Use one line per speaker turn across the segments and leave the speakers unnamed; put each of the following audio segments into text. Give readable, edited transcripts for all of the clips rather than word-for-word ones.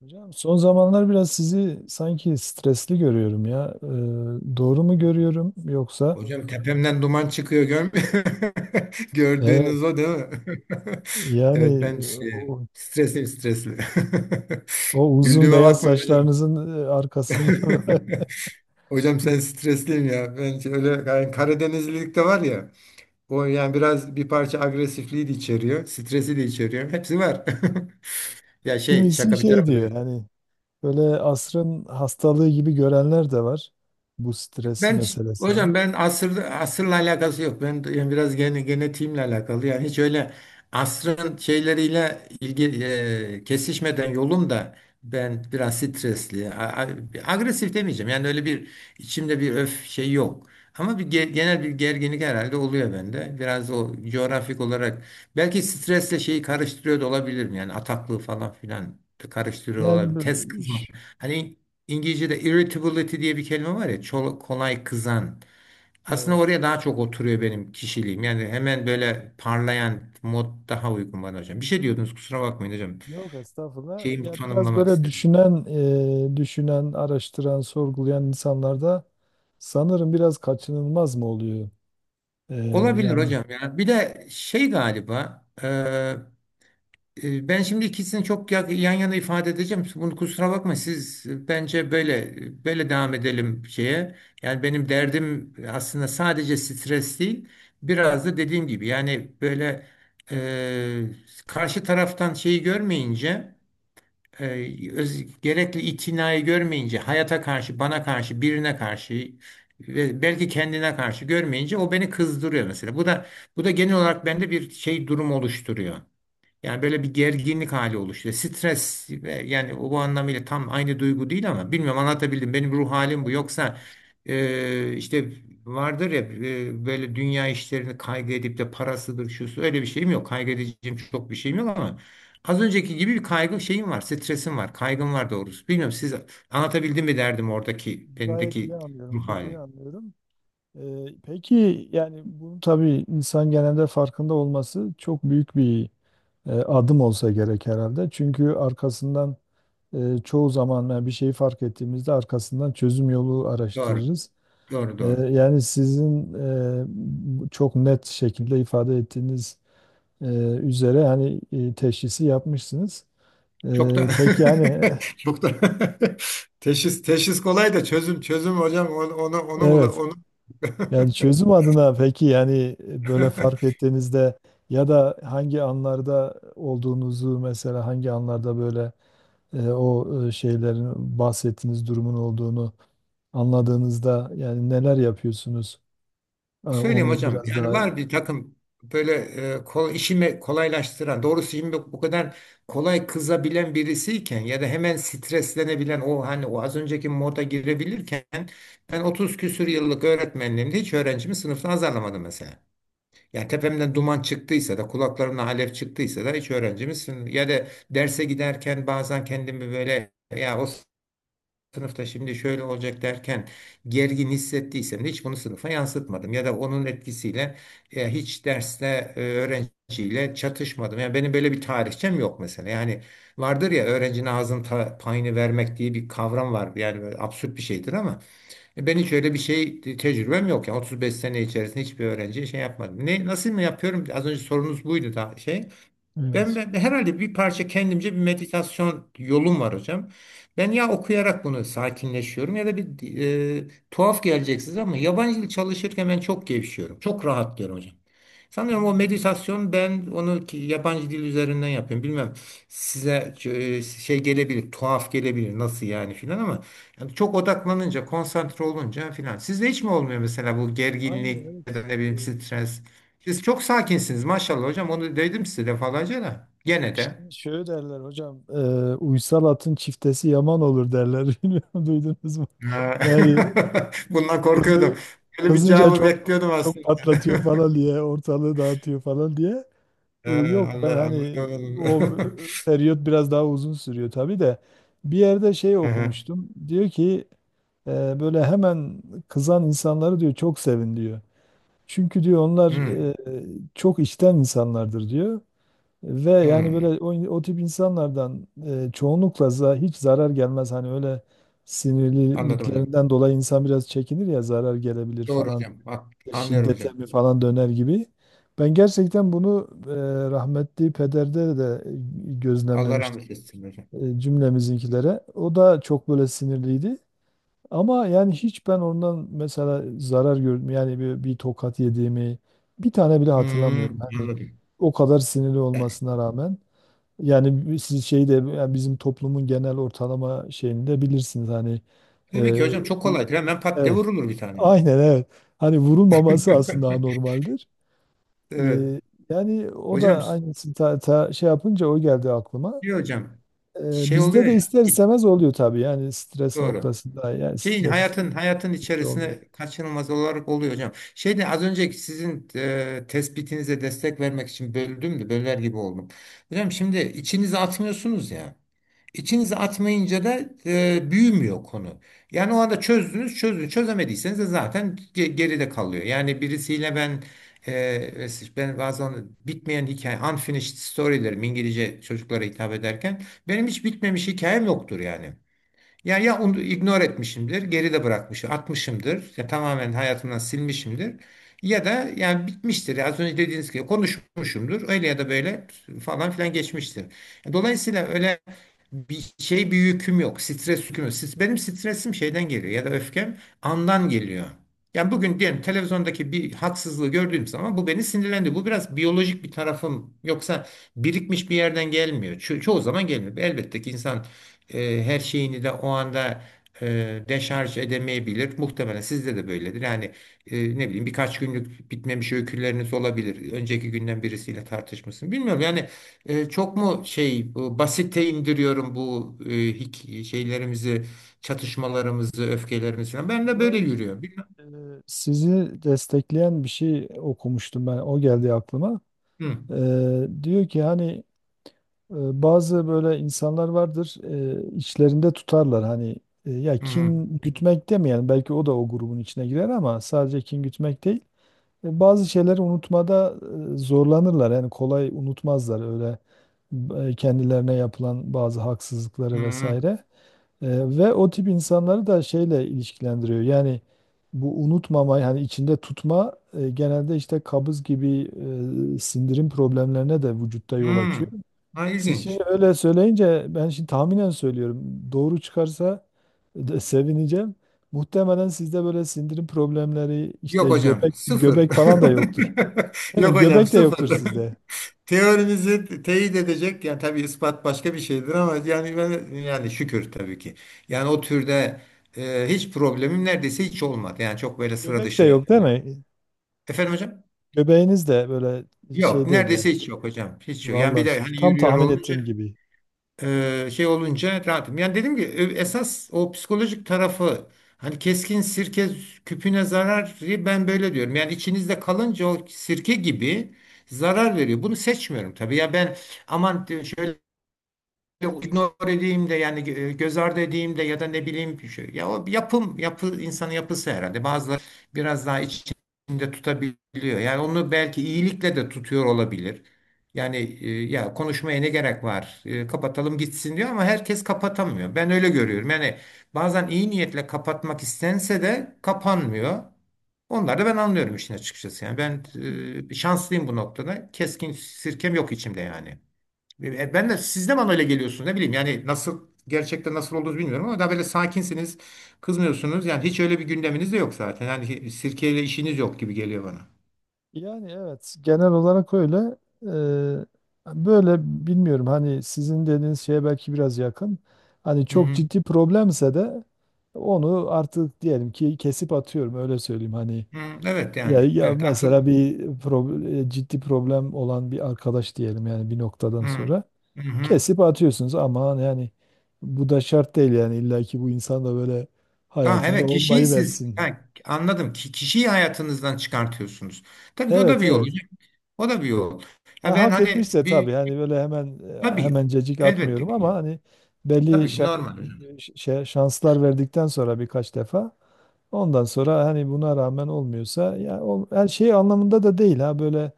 Hocam son zamanlar biraz sizi sanki stresli görüyorum ya. Doğru mu görüyorum yoksa?
Hocam tepemden duman çıkıyor görmüyor. Gördüğünüz
Evet.
o değil mi? Evet
Yani
ben
o,
stresli stresli.
o uzun
Güldüğüme vallahi
beyaz
bakmayın hocam.
saçlarınızın arkasında.
Hocam sen stresliyim ya. Ben şöyle yani Karadenizlilik de var ya. O yani biraz bir parça agresifliği de içeriyor. Stresi de içeriyor. Hepsi var. Ya şey
Kimisi
şaka bir
şey
tarafa da.
diyor, hani böyle asrın hastalığı gibi görenler de var bu stres
Ben
meselesini.
hocam ben asır asırla alakası yok. Ben yani biraz genetiğimle alakalı. Yani hiç öyle asrın şeyleriyle ilgi kesişmeden yolum da ben biraz a- agresif demeyeceğim. Yani öyle bir içimde bir öf şey yok. Ama bir genel bir gerginlik herhalde oluyor bende. Biraz o coğrafik olarak belki stresle şeyi karıştırıyor da olabilirim. Yani ataklığı falan filan da karıştırıyor
Yani
olabilirim.
bu-
Tez kızma.
ş-
Hani İngilizce'de irritability diye bir kelime var ya, kolay kızan. Aslında
evet.
oraya daha çok oturuyor benim kişiliğim. Yani hemen böyle parlayan mod daha uygun bana hocam. Bir şey diyordunuz, kusura bakmayın hocam.
Yok estağfurullah.
Şeyimi
Ya biraz
tanımlamak
böyle
istedim.
düşünen, düşünen, araştıran, sorgulayan insanlarda sanırım biraz kaçınılmaz mı oluyor? Ee,
Olabilir
yani
hocam ya. Bir de şey galiba. Ben şimdi ikisini çok yan yana ifade edeceğim. Bunu kusura bakma, siz bence böyle devam edelim şeye. Yani benim derdim aslında sadece stres değil. Biraz da dediğim gibi yani böyle karşı taraftan şeyi görmeyince, gerekli itinayı görmeyince hayata karşı, bana karşı, birine karşı ve belki kendine karşı görmeyince, o beni kızdırıyor mesela. Bu da genel olarak bende bir şey durum oluşturuyor. Yani böyle bir gerginlik hali oluşuyor. Stres ve yani o bu anlamıyla tam aynı duygu değil ama bilmiyorum anlatabildim. Benim ruh halim bu. Yoksa
Anladım.
işte vardır ya böyle dünya işlerini kaygı edip de parasıdır şusu öyle bir şeyim yok. Kaygı edeceğim çok bir şeyim yok ama az önceki gibi bir kaygı şeyim var. Stresim var. Kaygım var doğrusu. Bilmiyorum siz anlatabildim mi derdim oradaki
Gayet iyi
benimdeki
anlıyorum,
ruh
çok iyi
hali.
anlıyorum. Peki, yani bunu tabii insan genelde farkında olması çok büyük bir adım olsa gerek herhalde. Çünkü arkasından çoğu zaman yani bir şeyi fark ettiğimizde arkasından çözüm yolu
Doğru.
araştırırız.
Doğru doğru.
Yani sizin bu çok net şekilde ifade ettiğiniz e, üzere hani teşhisi yapmışsınız.
Çok
E,
da
peki yani
çok da teşhis kolay da çözüm hocam
evet.
onu.
Yani çözüm adına, peki yani böyle fark ettiğinizde ya da hangi anlarda olduğunuzu, mesela hangi anlarda böyle şeylerin, bahsettiğiniz durumun olduğunu anladığınızda yani neler yapıyorsunuz?
Söyleyeyim
Onu
hocam
biraz
yani
daha
var bir takım böyle işimi kolaylaştıran doğrusu. Şimdi bu kadar kolay kızabilen birisiyken ya da hemen streslenebilen, o hani o az önceki moda girebilirken, ben 30 küsür yıllık öğretmenliğimde hiç öğrencimi sınıfta azarlamadım mesela. Yani tepemden duman çıktıysa da, kulaklarımdan alev çıktıysa da hiç öğrencimizsin. Ya da derse giderken bazen kendimi böyle ya o sınıfta şimdi şöyle olacak derken gergin hissettiysem de hiç bunu sınıfa yansıtmadım. Ya da onun etkisiyle hiç derste öğrenciyle çatışmadım. Yani benim böyle bir tarihçem yok mesela. Yani vardır ya öğrencinin ağzının payını vermek diye bir kavram var. Yani böyle absürt bir şeydir ama ben hiç öyle bir şey tecrübem yok ya. 35 sene içerisinde hiçbir öğrenciye şey yapmadım. Ne, nasıl mı yapıyorum? Az önce sorunuz buydu da şey. Ben,
evet.
ben herhalde bir parça kendimce bir meditasyon yolum var hocam. Ben ya okuyarak bunu sakinleşiyorum ya da bir tuhaf gelecek size ama yabancı dil çalışırken ben çok gevşiyorum. Çok rahatlıyorum hocam. Sanıyorum o
Hmm.
meditasyon, ben onu yabancı dil üzerinden yapıyorum. Bilmem size şey gelebilir, tuhaf gelebilir, nasıl yani filan, ama yani çok odaklanınca, konsantre olunca filan. Sizde hiç mi olmuyor mesela bu
Aynen
gerginlik
evet.
ya da ne bileyim stres? Siz çok sakinsiniz maşallah hocam. Onu dedim size defalarca da. Gene de.
İşte şöyle derler hocam, uysal atın çiftesi yaman olur derler. Bilmiyorum, duydunuz mu?
Ha.
Yani
Bundan korkuyordum.
kızı,
Böyle bir
kızınca
cevabı
çok,
bekliyordum
çok
aslında.
patlatıyor falan diye, ortalığı dağıtıyor falan diye.
Ha,
Yok, ben hani
anladım.
o periyot biraz daha uzun sürüyor tabii de, bir yerde şey
Hı hı.
okumuştum. Diyor ki böyle hemen kızan insanları diyor çok sevin diyor. Çünkü diyor onlar
Hmm,
e, çok içten insanlardır diyor. Ve yani böyle
hmm.
o tip insanlardan çoğunlukla za- hiç zarar gelmez. Hani öyle
Anladım hocam.
sinirliliklerinden dolayı insan biraz çekinir ya, zarar gelebilir
Doğru
falan,
hocam. Ha, anlıyorum hocam.
şiddete mi falan döner gibi. Ben gerçekten bunu rahmetli pederde de
Allah
gözlemlemiştim,
rahmet etsin hocam.
cümlemizinkilere. O da çok böyle sinirliydi. Ama yani hiç ben ondan mesela zarar gördüm. Yani bir, bir tokat yediğimi bir tane bile hatırlamıyorum.
Hmm,
Hani
anladım.
o kadar sinirli
Yani,
olmasına rağmen. Yani siz şeyi de, yani bizim toplumun genel ortalama şeyini de bilirsiniz. Hani
tabii ki
e,
hocam, çok kolaydır. Hemen pat diye
evet,
vurulur bir tane.
aynen evet. Hani vurulmaması aslında normaldir.
Evet.
Ee, Yani o
Hocam,
da aynısını ta, ta- şey yapınca o geldi aklıma.
diyor hocam. Şey
Bizde
oluyor
de
ya.
ister istemez oluyor tabii, yani stres
Doğru.
noktasında, yani
Şeyin
stres
hayatın
olmuyor.
içerisine kaçınılmaz olarak oluyor hocam. Şeyde az önceki sizin tespitinize destek vermek için böldüm de böler gibi oldum. Hocam şimdi içinize atmıyorsunuz ya. İçinize atmayınca da büyümüyor konu. Yani o anda çözdünüz, çözdünüz. Çözemediyseniz de zaten geride kalıyor. Yani birisiyle ben e, ben bazen bitmeyen hikaye, unfinished story'lerim İngilizce çocuklara hitap ederken, benim hiç bitmemiş hikayem yoktur yani. Yani ya onu ignore etmişimdir, geride bırakmışım, atmışımdır, ya tamamen hayatımdan silmişimdir. Ya da yani bitmiştir. Az önce dediğiniz gibi konuşmuşumdur. Öyle ya da böyle falan filan geçmiştir. Dolayısıyla öyle bir şey bir yüküm yok. Stres yüküm yok. Benim stresim şeyden geliyor ya da öfkem andan geliyor. Yani bugün diyelim televizyondaki bir haksızlığı gördüğüm zaman bu beni sinirlendi. Bu biraz biyolojik bir tarafım. Yoksa birikmiş bir yerden gelmiyor. Çoğu zaman gelmiyor. Elbette ki insan her şeyini de o anda deşarj edemeyebilir. Muhtemelen sizde de böyledir. Yani ne bileyim birkaç günlük bitmemiş öyküleriniz olabilir. Önceki günden birisiyle tartışmışsın. Bilmiyorum yani çok mu şey, bu basite indiriyorum bu şeylerimizi, çatışmalarımızı, öfkelerimizi falan. Ben de
Biliyor
böyle
musun?
yürüyor. Bilmem.
Ee, Sizi destekleyen bir şey okumuştum, ben o geldi aklıma.
Hı,
Diyor ki hani e, bazı böyle insanlar vardır, içlerinde tutarlar hani, ya
hı, hı,
kin gütmek demeyelim, belki o da o grubun içine girer ama sadece kin gütmek değil. Bazı şeyleri unutmada zorlanırlar. Yani kolay unutmazlar öyle kendilerine yapılan bazı haksızlıkları
hı.
vesaire. E, Ve o tip insanları da şeyle ilişkilendiriyor. Yani bu unutmama, yani içinde tutma genelde işte kabız gibi sindirim problemlerine de vücutta
Hı.
yol
Hı.
açıyor.
Ha,
Siz
ilginç.
şimdi öyle söyleyince ben şimdi tahminen söylüyorum. Doğru çıkarsa de sevineceğim. Muhtemelen sizde böyle sindirim problemleri,
Yok
işte
hocam,
göbek
sıfır.
göbek falan da yoktur. Değil
Yok
mi?
hocam,
Göbek de yoktur
sıfır.
sizde.
Teorinizi teyit edecek yani, tabii ispat başka bir şeydir ama yani yani şükür tabii ki. Yani o türde hiç problemim neredeyse hiç olmadı. Yani çok böyle sıra
Göbek de
dışı.
yok değil mi?
Efendim hocam?
Göbeğiniz de böyle
Yok
şey değil yani.
neredeyse hiç yok hocam. Hiç yok. Yani bir
Vallahi
de hani
tam
yürüyor
tahmin
olunca
ettiğim gibi.
şey olunca rahatım. Yani dedim ki esas o psikolojik tarafı, hani keskin sirke küpüne zarar, ben böyle diyorum. Yani içinizde kalınca o sirke gibi zarar veriyor. Bunu seçmiyorum tabii. Ya ben aman diyor, şöyle ignore edeyim de yani göz ardı edeyim de ya da ne bileyim bir şey. Ya o yapım, yapı, insanın yapısı herhalde. Bazıları biraz daha içinde tutabiliyor. Yani onu belki iyilikle de tutuyor olabilir. Yani ya konuşmaya ne gerek var? E, kapatalım gitsin diyor ama herkes kapatamıyor. Ben öyle görüyorum. Yani bazen iyi niyetle kapatmak istense de kapanmıyor. Onları da ben anlıyorum işin açıkçası. Yani ben şanslıyım bu noktada. Keskin sirkem yok içimde yani.
Evet.
Ben de siz de bana öyle geliyorsunuz, ne bileyim yani, nasıl gerçekten nasıl olduğunuzu bilmiyorum, ama daha böyle sakinsiniz, kızmıyorsunuz yani, hiç öyle bir gündeminiz de yok zaten yani, sirkeyle işiniz yok gibi geliyor bana.
Yani evet, genel olarak öyle. Böyle bilmiyorum, hani sizin dediğiniz şeye belki biraz yakın. Hani
Hı
çok
hı.
ciddi problemse de onu artık diyelim ki kesip atıyorum, öyle söyleyeyim hani.
Hı, evet
Ya,
yani
ya
evet akıl.
mesela bir prob- ciddi problem olan bir arkadaş diyelim, yani bir noktadan
Hı.
sonra
Hı hı.
kesip atıyorsunuz ama yani bu da şart değil, yani illa ki bu insan da böyle
Tamam
hayatımda
evet, kişiyi
olmayı
siz,
versin.
ha, anladım, ki kişiyi hayatınızdan çıkartıyorsunuz. Tabii ki o da
Evet,
bir yol.
evet.
O da bir yol. Ya
Ya
ben
hak
hani
etmişse
bir,
tabii, hani böyle hemen
tabii,
hemen cecik
elbette
atmıyorum
ki
ama
hocam.
hani belli
Tabii ki normal hocam.
şanslar verdikten sonra birkaç defa, ondan sonra hani buna rağmen olmuyorsa ya ol- her şey anlamında da değil ha, böyle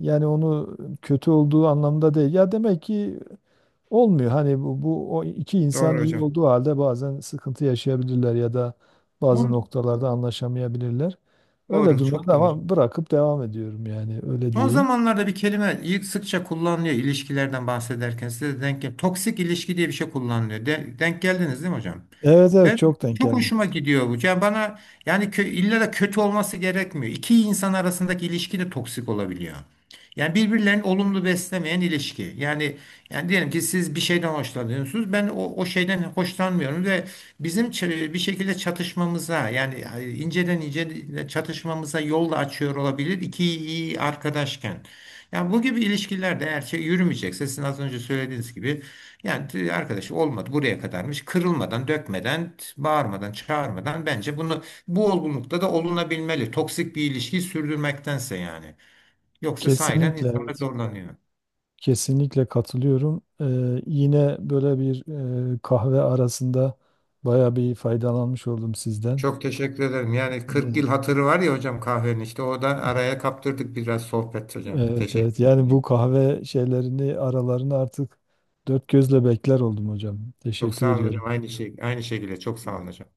yani onu kötü olduğu anlamda değil. Ya demek ki olmuyor hani bu o iki insan
Doğru
iyi
hocam.
olduğu halde bazen sıkıntı yaşayabilirler ya da bazı
On,
noktalarda anlaşamayabilirler. Öyle
doğru, çok
durumlarda
doğru.
ama bırakıp devam ediyorum, yani öyle
Son
diyeyim.
zamanlarda bir kelime ilk sıkça kullanılıyor ilişkilerden bahsederken, size de denk gel. Toksik ilişki diye bir şey kullanılıyor. Denk geldiniz değil mi hocam?
Evet, evet,
Ben
çok denk
çok
geldi.
hoşuma gidiyor bu. Yani bana, yani illa da kötü olması gerekmiyor. İki insan arasındaki ilişki de toksik olabiliyor. Yani birbirlerini olumlu beslemeyen ilişki. Yani diyelim ki siz bir şeyden hoşlanıyorsunuz. Ben o şeyden hoşlanmıyorum ve bizim bir şekilde çatışmamıza, yani inceden ince çatışmamıza yol da açıyor olabilir iki iyi arkadaşken. Yani bu gibi ilişkilerde eğer şey yürümeyecekse, sizin az önce söylediğiniz gibi, yani arkadaş olmadı, buraya kadarmış, kırılmadan, dökmeden, bağırmadan, çağırmadan, bence bunu, bu olgunlukta da olunabilmeli toksik bir ilişkiyi sürdürmektense yani. Yoksa sahiden
Kesinlikle
insanlar
evet.
zorlanıyor.
Kesinlikle katılıyorum. Yine böyle bir kahve arasında baya bir faydalanmış oldum sizden.
Çok teşekkür ederim. Yani 40 yıl hatırı var ya hocam kahvenin, işte o da araya kaptırdık biraz sohbet hocam.
Evet, evet.
Teşekkür
Yani bu
ederim.
kahve şeylerini aralarını artık dört gözle bekler oldum hocam.
Çok
Teşekkür
sağ olun
ediyorum.
hocam. Aynı şey, aynı şekilde çok sağ olun hocam.